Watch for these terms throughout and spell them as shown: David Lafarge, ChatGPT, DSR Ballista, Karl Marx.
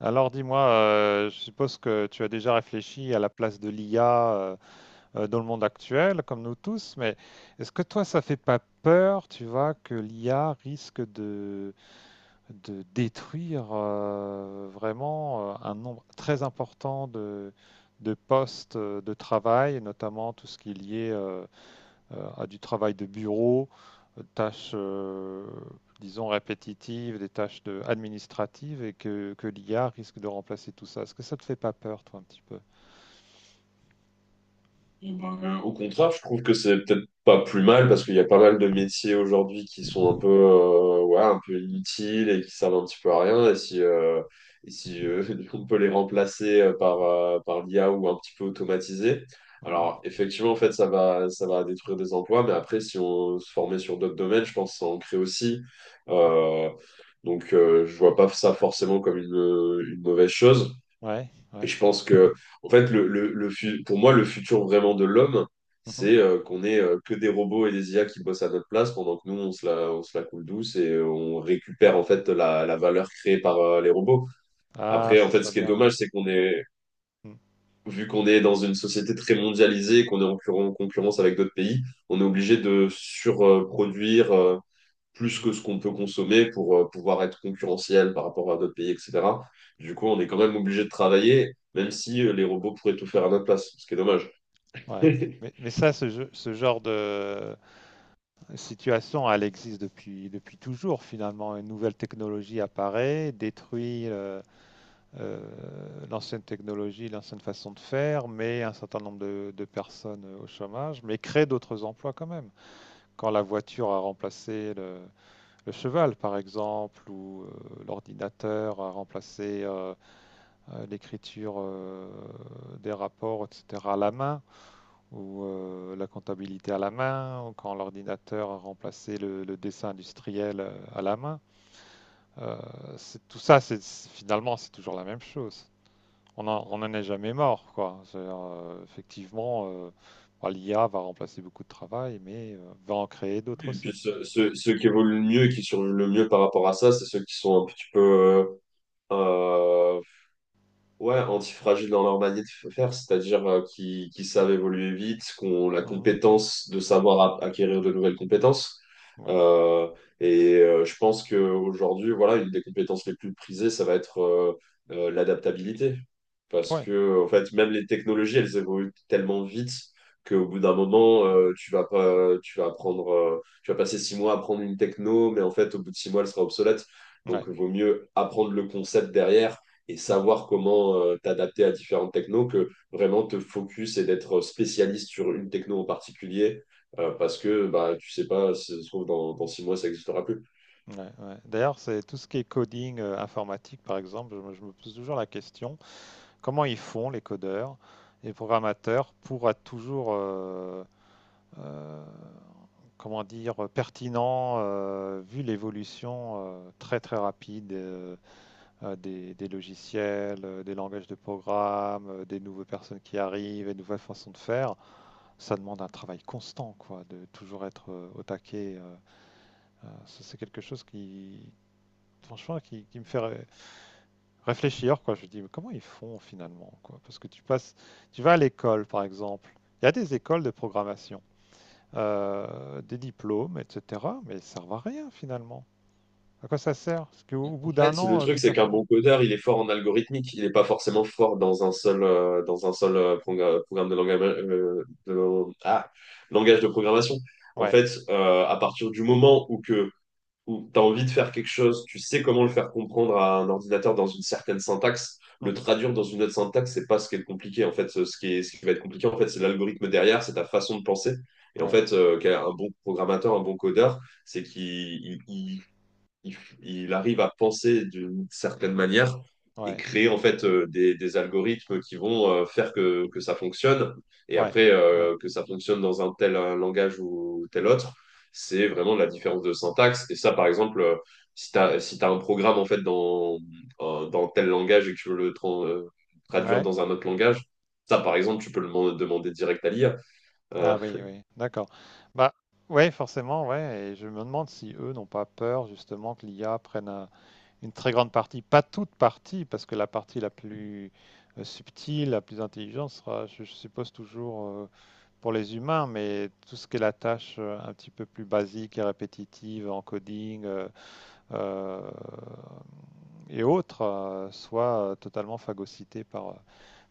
Alors dis-moi, je suppose que tu as déjà réfléchi à la place de l'IA , dans le monde actuel, comme nous tous. Mais est-ce que toi, ça fait pas peur, tu vois, que l'IA risque de détruire vraiment un nombre très important de postes de travail, notamment tout ce qui est lié, à du travail de bureau, tâches, disons, répétitives, des administratives, et que l'IA risque de remplacer tout ça. Est-ce que ça te fait pas peur, toi, un petit peu? Au contraire, je trouve que c'est peut-être pas plus mal parce qu'il y a pas mal de métiers aujourd'hui qui sont un peu, ouais, un peu inutiles et qui servent un petit peu à rien. Et si on peut les remplacer par, par l'IA ou un petit peu automatisé, Ouais. alors effectivement, en fait, ça va détruire des emplois. Mais après, si on se formait sur d'autres domaines, je pense que ça en crée aussi. Mhm. Euh, donc je vois pas ça forcément comme une mauvaise chose. Ouais, Et ouais. je pense que, en fait, pour moi, le futur vraiment de l'homme, Mhm. c'est qu'on ait que des robots et des IA qui bossent à notre place pendant que nous, on se la coule douce et on récupère en fait la valeur créée par les robots. Ah, Après, ce en fait, serait ce qui est bien. Ouais. dommage, c'est Mm. vu qu'on est dans une société très mondialisée, qu'on est en concurrence avec d'autres pays, on est obligé de surproduire plus Mhm. que ce qu'on peut consommer pour pouvoir être concurrentiel par rapport à d'autres pays, etc. Du coup, on est quand même obligé de travailler, même si les robots pourraient tout faire à notre place, ce qui est dommage. Ouais. Mais ça, ce genre de situation, elle existe depuis toujours, finalement. Une nouvelle technologie apparaît, détruit euh, l'ancienne technologie, l'ancienne façon de faire, mais un certain nombre de personnes au chômage, mais crée d'autres emplois quand même. Quand la voiture a remplacé le cheval, par exemple, ou l'ordinateur a remplacé, l'écriture des rapports, etc., à la main, ou la comptabilité à la main, ou quand l'ordinateur a remplacé le dessin industriel à la main, euh, tout ça, c'est finalement, c'est toujours la même chose. On en est jamais mort, quoi. C'est-à-dire, effectivement, bah, l'IA va remplacer beaucoup de travail, mais va en créer Et d'autres puis aussi. Ceux qui évoluent le mieux et qui survivent le mieux par rapport à ça, c'est ceux qui sont un petit peu euh, ouais, antifragile dans leur manière de faire, c'est-à-dire qui savent évoluer vite, qu'on la Mhm. compétence de savoir acquérir de nouvelles compétences. Ouais. Euh, je pense qu'aujourd'hui, voilà, une des compétences les plus prisées, ça va être l'adaptabilité. Parce Ouais. que, en fait, même les technologies, elles évoluent tellement vite qu'au bout d'un moment, tu vas pas, tu vas apprendre, tu vas passer 6 mois à apprendre une techno, mais en fait, au bout de 6 mois, elle sera obsolète. Donc, Ouais. il vaut mieux apprendre le concept derrière et Mhm. savoir comment t'adapter à différentes technos que vraiment te focus et d'être spécialiste sur une techno en particulier parce que bah, tu sais pas, si ça se trouve, dans 6 mois, ça n'existera plus. Ouais, ouais. D'ailleurs, c'est tout ce qui est coding informatique, par exemple, je me pose toujours la question, comment ils font les codeurs et programmateurs pour être toujours, euh, comment dire, pertinents vu l'évolution très très rapide, des logiciels, des langages de programme, des nouvelles personnes qui arrivent, des nouvelles façons de faire. Ça demande un travail constant, quoi, de toujours être au taquet. Ça, c'est quelque chose qui, franchement, qui me fait réfléchir, quoi. Je me dis, mais comment ils font finalement, quoi? Parce que tu passes, tu vas à l'école, par exemple. Il y a des écoles de programmation, des diplômes, etc., mais ils servent à rien finalement. À quoi ça sert? Parce qu'au En bout d'un fait, le an, truc, tout c'est a qu'un changé. bon codeur, il est fort en algorithmique, il n'est pas forcément fort dans un seul, programme de, langage ah, langage de programmation. En Ouais. fait, à partir du moment où tu as envie de faire quelque chose, tu sais comment le faire comprendre à un ordinateur dans une certaine syntaxe, le Mhm. traduire dans une autre syntaxe, c'est pas ce qui est compliqué. En fait, ce qui va être compliqué, en fait, c'est l'algorithme derrière, c'est ta façon de penser. Et en Ouais. fait, bon programmateur, un bon codeur, c'est qu'il il- il, f- il arrive à penser d'une certaine manière et Ouais. créer en fait des algorithmes qui vont faire que ça fonctionne. Et Ouais, après, ouais, que ça fonctionne dans un tel langage ou tel autre, c'est vraiment la différence de syntaxe. Et ça, par exemple, si tu as, si t'as un programme en fait dans tel langage et que tu veux traduire ouais. dans un autre langage, ça, par exemple, tu peux demander direct à l'IA. Ah oui, oui, d'accord. Bah, ouais, forcément, ouais. Et je me demande si eux n'ont pas peur justement que l'IA prenne une très grande partie, pas toute partie, parce que la partie la plus subtile, la plus intelligente sera, je suppose, toujours pour les humains, mais tout ce qui est la tâche un petit peu plus basique et répétitive en coding euh, et autres, soit totalement phagocytée par, euh,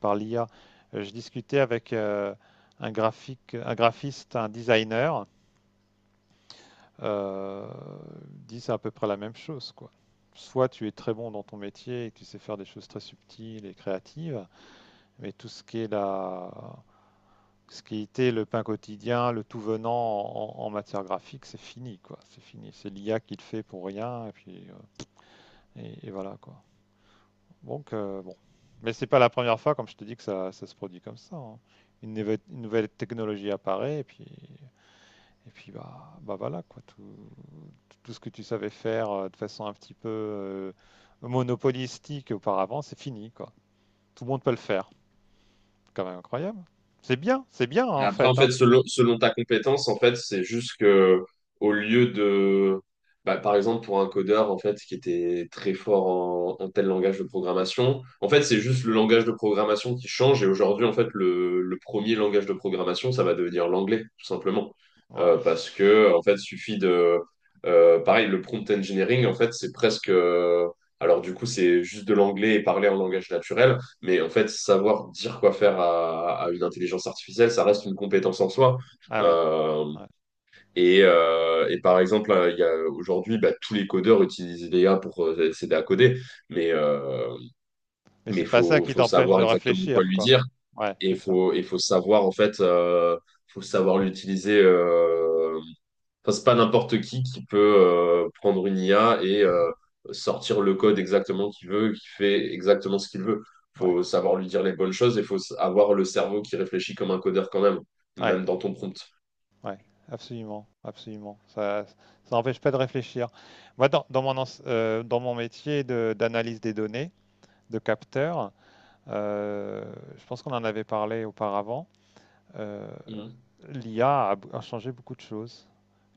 par l'IA. Je discutais avec un graphique, un graphiste, un designer. Euh, il dit c'est à peu près la même chose, quoi. Soit tu es très bon dans ton métier et que tu sais faire des choses très subtiles et créatives, mais tout ce qui est la, ce qui était le pain quotidien, le tout venant en matière graphique, c'est fini, quoi. C'est fini. C'est l'IA qui le fait pour rien, et puis et voilà, quoi. Donc, bon. Mais c'est pas la première fois, comme je te dis, que ça se produit comme ça, hein. Une nouvelle technologie apparaît et puis bah voilà, quoi. Tout ce que tu savais faire de façon un petit peu monopolistique auparavant, c'est fini, quoi. Tout le monde peut le faire. C'est quand même incroyable. C'est bien, c'est bien, hein, Et en après, en fait, hein. fait, selon ta compétence, en fait, c'est juste que au lieu de, bah, par exemple, pour un codeur, en fait, qui était très fort en tel langage de programmation, en fait, c'est juste le langage de programmation qui change. Et aujourd'hui, en fait, le premier langage de programmation, ça va devenir l'anglais, tout simplement. Ouais. Parce que, en fait, suffit de, pareil, le prompt engineering, en fait, alors du coup, c'est juste de l'anglais et parler en langage naturel. Mais en fait, savoir dire quoi faire à une intelligence artificielle, ça reste une compétence en soi. Ah oui. Euh, Ouais. et par exemple, il y a aujourd'hui, bah, tous les codeurs utilisent l'IA pour s'aider à coder, mais euh, Mais mais c'est pas ça faut qui faut t'empêche de savoir exactement quoi réfléchir, lui quoi. dire Ouais, et c'est ça. faut savoir en fait, faut savoir l'utiliser. Enfin, c'est pas n'importe qui peut prendre une IA et sortir le code exactement qu'il veut, qui fait exactement ce qu'il veut. Ouais. Faut savoir lui dire les bonnes choses et avoir le cerveau qui réfléchit comme un codeur quand même, Ouais. même dans ton prompt. Ouais, absolument, absolument. Ça n'empêche pas de réfléchir. Moi, dans mon métier d'analyse des données, de capteur, euh, je pense qu'on en avait parlé auparavant. euh, l'IA a changé beaucoup de choses.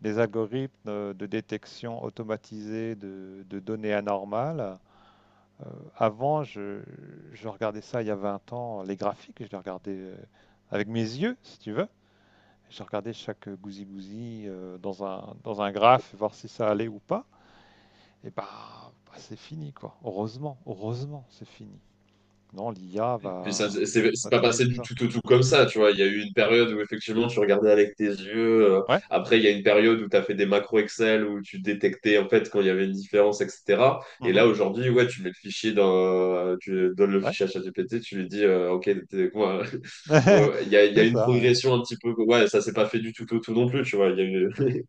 Les algorithmes de détection automatisée de données anormales. euh, avant, je regardais ça il y a 20 ans, les graphiques, je les regardais avec mes yeux, si tu veux. J'ai regardé chaque gousi-gousi dans un graphe, voir si ça allait ou pas. Et bah, c'est fini, quoi. Heureusement, heureusement, c'est fini. Non, l'IA Puis ça, va, c'est va pas trier passé tout du ça. tout au tout comme ça, tu vois. Il y a eu une période où effectivement tu regardais avec tes yeux. Ouais, Après, il y a une période où tu as fait des macros Excel où tu détectais en fait quand il y avait une différence, etc. Et mhm, là aujourd'hui, ouais, tu donnes le ouais, fichier à ChatGPT, tu lui dis, ok, moi. Donc, il y a c'est une ça, ouais. progression un petit peu. Ouais, ça s'est pas fait du tout au tout non plus, tu vois. Il y a eu. Mm.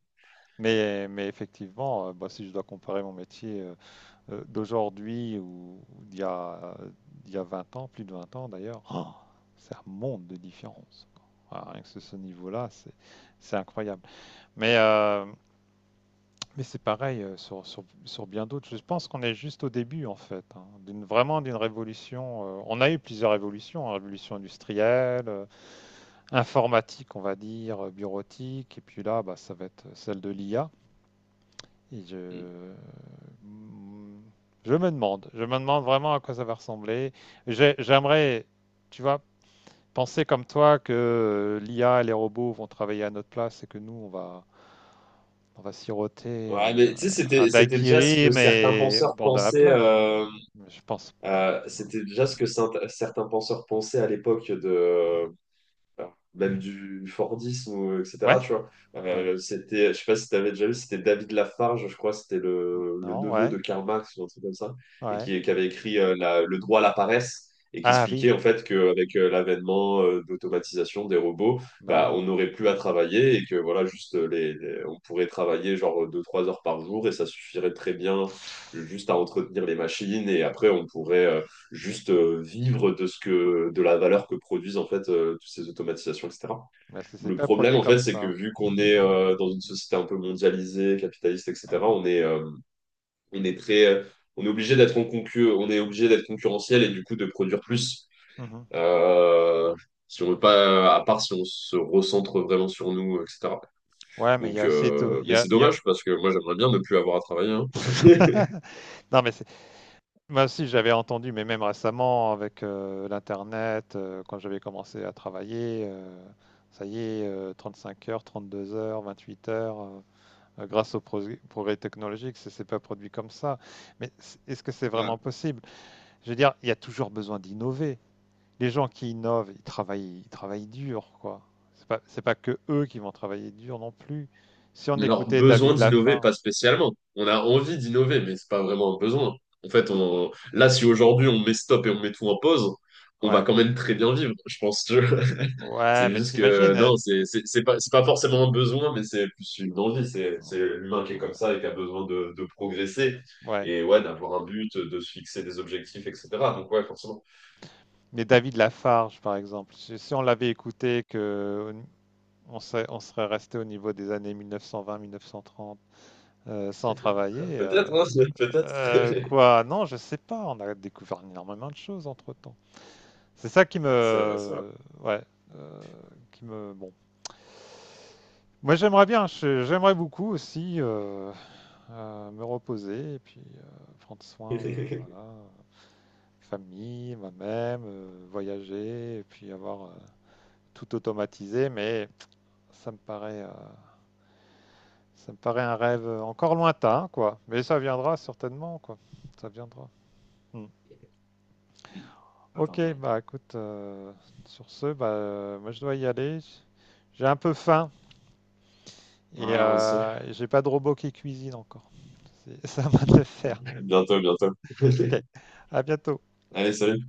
Mais effectivement, bah, si je dois comparer mon métier d'aujourd'hui ou d'il y a 20 ans, plus de 20 ans d'ailleurs, oh, c'est un monde de différence, quoi. Ah, rien que ce niveau-là, c'est incroyable. Mais, euh, Mais c'est pareil sur bien d'autres. Je pense qu'on est juste au début, en fait, hein, vraiment d'une révolution. On a eu plusieurs révolutions, hein, révolution industrielle, informatique, on va dire, bureautique, et puis là, bah, ça va être celle de l'IA. Et mm, je me demande, je me demande vraiment à quoi ça va ressembler. J'aimerais, tu vois, penser comme toi que l'IA et les robots vont travailler à notre place et que nous, on va siroter Ouais, mais tu sais, un c'était déjà ce daiquiri, que certains mais au penseurs bord de la pensaient. plage. Mais je pense pas. C'était déjà ce que certains penseurs pensaient à l'époque de même du Fordisme, ou, etc. Ouais? Tu vois, Ouais. C'était, je sais pas si tu avais déjà vu, c'était David Lafarge, je crois, c'était le Non, neveu de ouais. Karl Marx ou un truc comme ça, et Ouais. Qui avait écrit Le droit à la paresse. Et qui Ah oui. expliquait en fait qu'avec l'avènement d'automatisation des robots, Bah bah, oui. on n'aurait plus à travailler et que voilà, juste on pourrait travailler genre 2 3 heures par jour et ça suffirait très bien juste à entretenir les machines et après on pourrait Ouais. Mais, juste ça- vivre de ce que de la valeur que produisent en fait toutes ces automatisations, etc. mais c'est Le pas problème produit en fait, comme c'est que ça. vu qu'on est dans une société un peu mondialisée, capitaliste, etc. On est très euh, on est obligé d'être on est obligé d'être concurrentiel et du coup de produire plus. Mhm. Euh, Si on veut pas, à part si on se recentre vraiment sur nous, etc. Ouais, mais il y Donc, a aussi tout. Mais c'est Il y a- dommage parce que moi j'aimerais bien ne plus avoir à travailler, hein. Non, mais moi aussi j'avais entendu, mais même récemment avec l'internet, quand j'avais commencé à travailler, ça y est, 35 heures, 32 heures, 28 heures. Grâce au progrès technologique, c'est pas produit comme ça. Mais est-ce que c'est vraiment possible? Je veux dire, il y a toujours besoin d'innover. Les gens qui innovent, ils travaillent dur, quoi. C'est pas que eux qui vont travailler dur non plus. Si on Alors, écoutait besoin David d'innover, pas Lafarge, spécialement. On a envie d'innover, mais c'est pas vraiment un besoin. En fait, on... là, si aujourd'hui on met stop et on met tout en pause, on va ouais, quand même très bien vivre, je pense. Que... ouais, C'est mais juste t'imagines, que non, c'est pas forcément un besoin, mais c'est plus une envie. C'est l'humain qui est comme ouais, ça et qui a besoin de progresser ouais. et ouais, d'avoir un but, de se fixer des objectifs, etc. Donc, ouais, forcément. Mais David Lafarge, par exemple, si on l'avait écouté, que on serait resté au niveau des années 1920-1930 sans travailler. Euh, Peut-être, hein, peut-être. Euh, quoi? Non, je sais pas. On a découvert énormément de choses entre-temps. C'est ça qui Ça va, ça va. me... Ouais. euh, qui me... Bon. Moi, j'aimerais bien. J'aimerais beaucoup aussi, me reposer et puis prendre soin de, voilà, famille, moi-même, voyager et puis avoir tout automatisé. Ça me paraît... euh, Ça me paraît un rêve encore lointain, quoi. Mais ça viendra certainement, quoi. Ça viendra. Mm. Attends, Ok, je... bah écoute, sur ce, bah, moi je dois y aller. J'ai un peu faim et Ouais, ouais, ça, j'ai pas de robot qui cuisine encore. C'est c'est à de le faire. bientôt, bientôt. Ok, à bientôt. Allez, salut.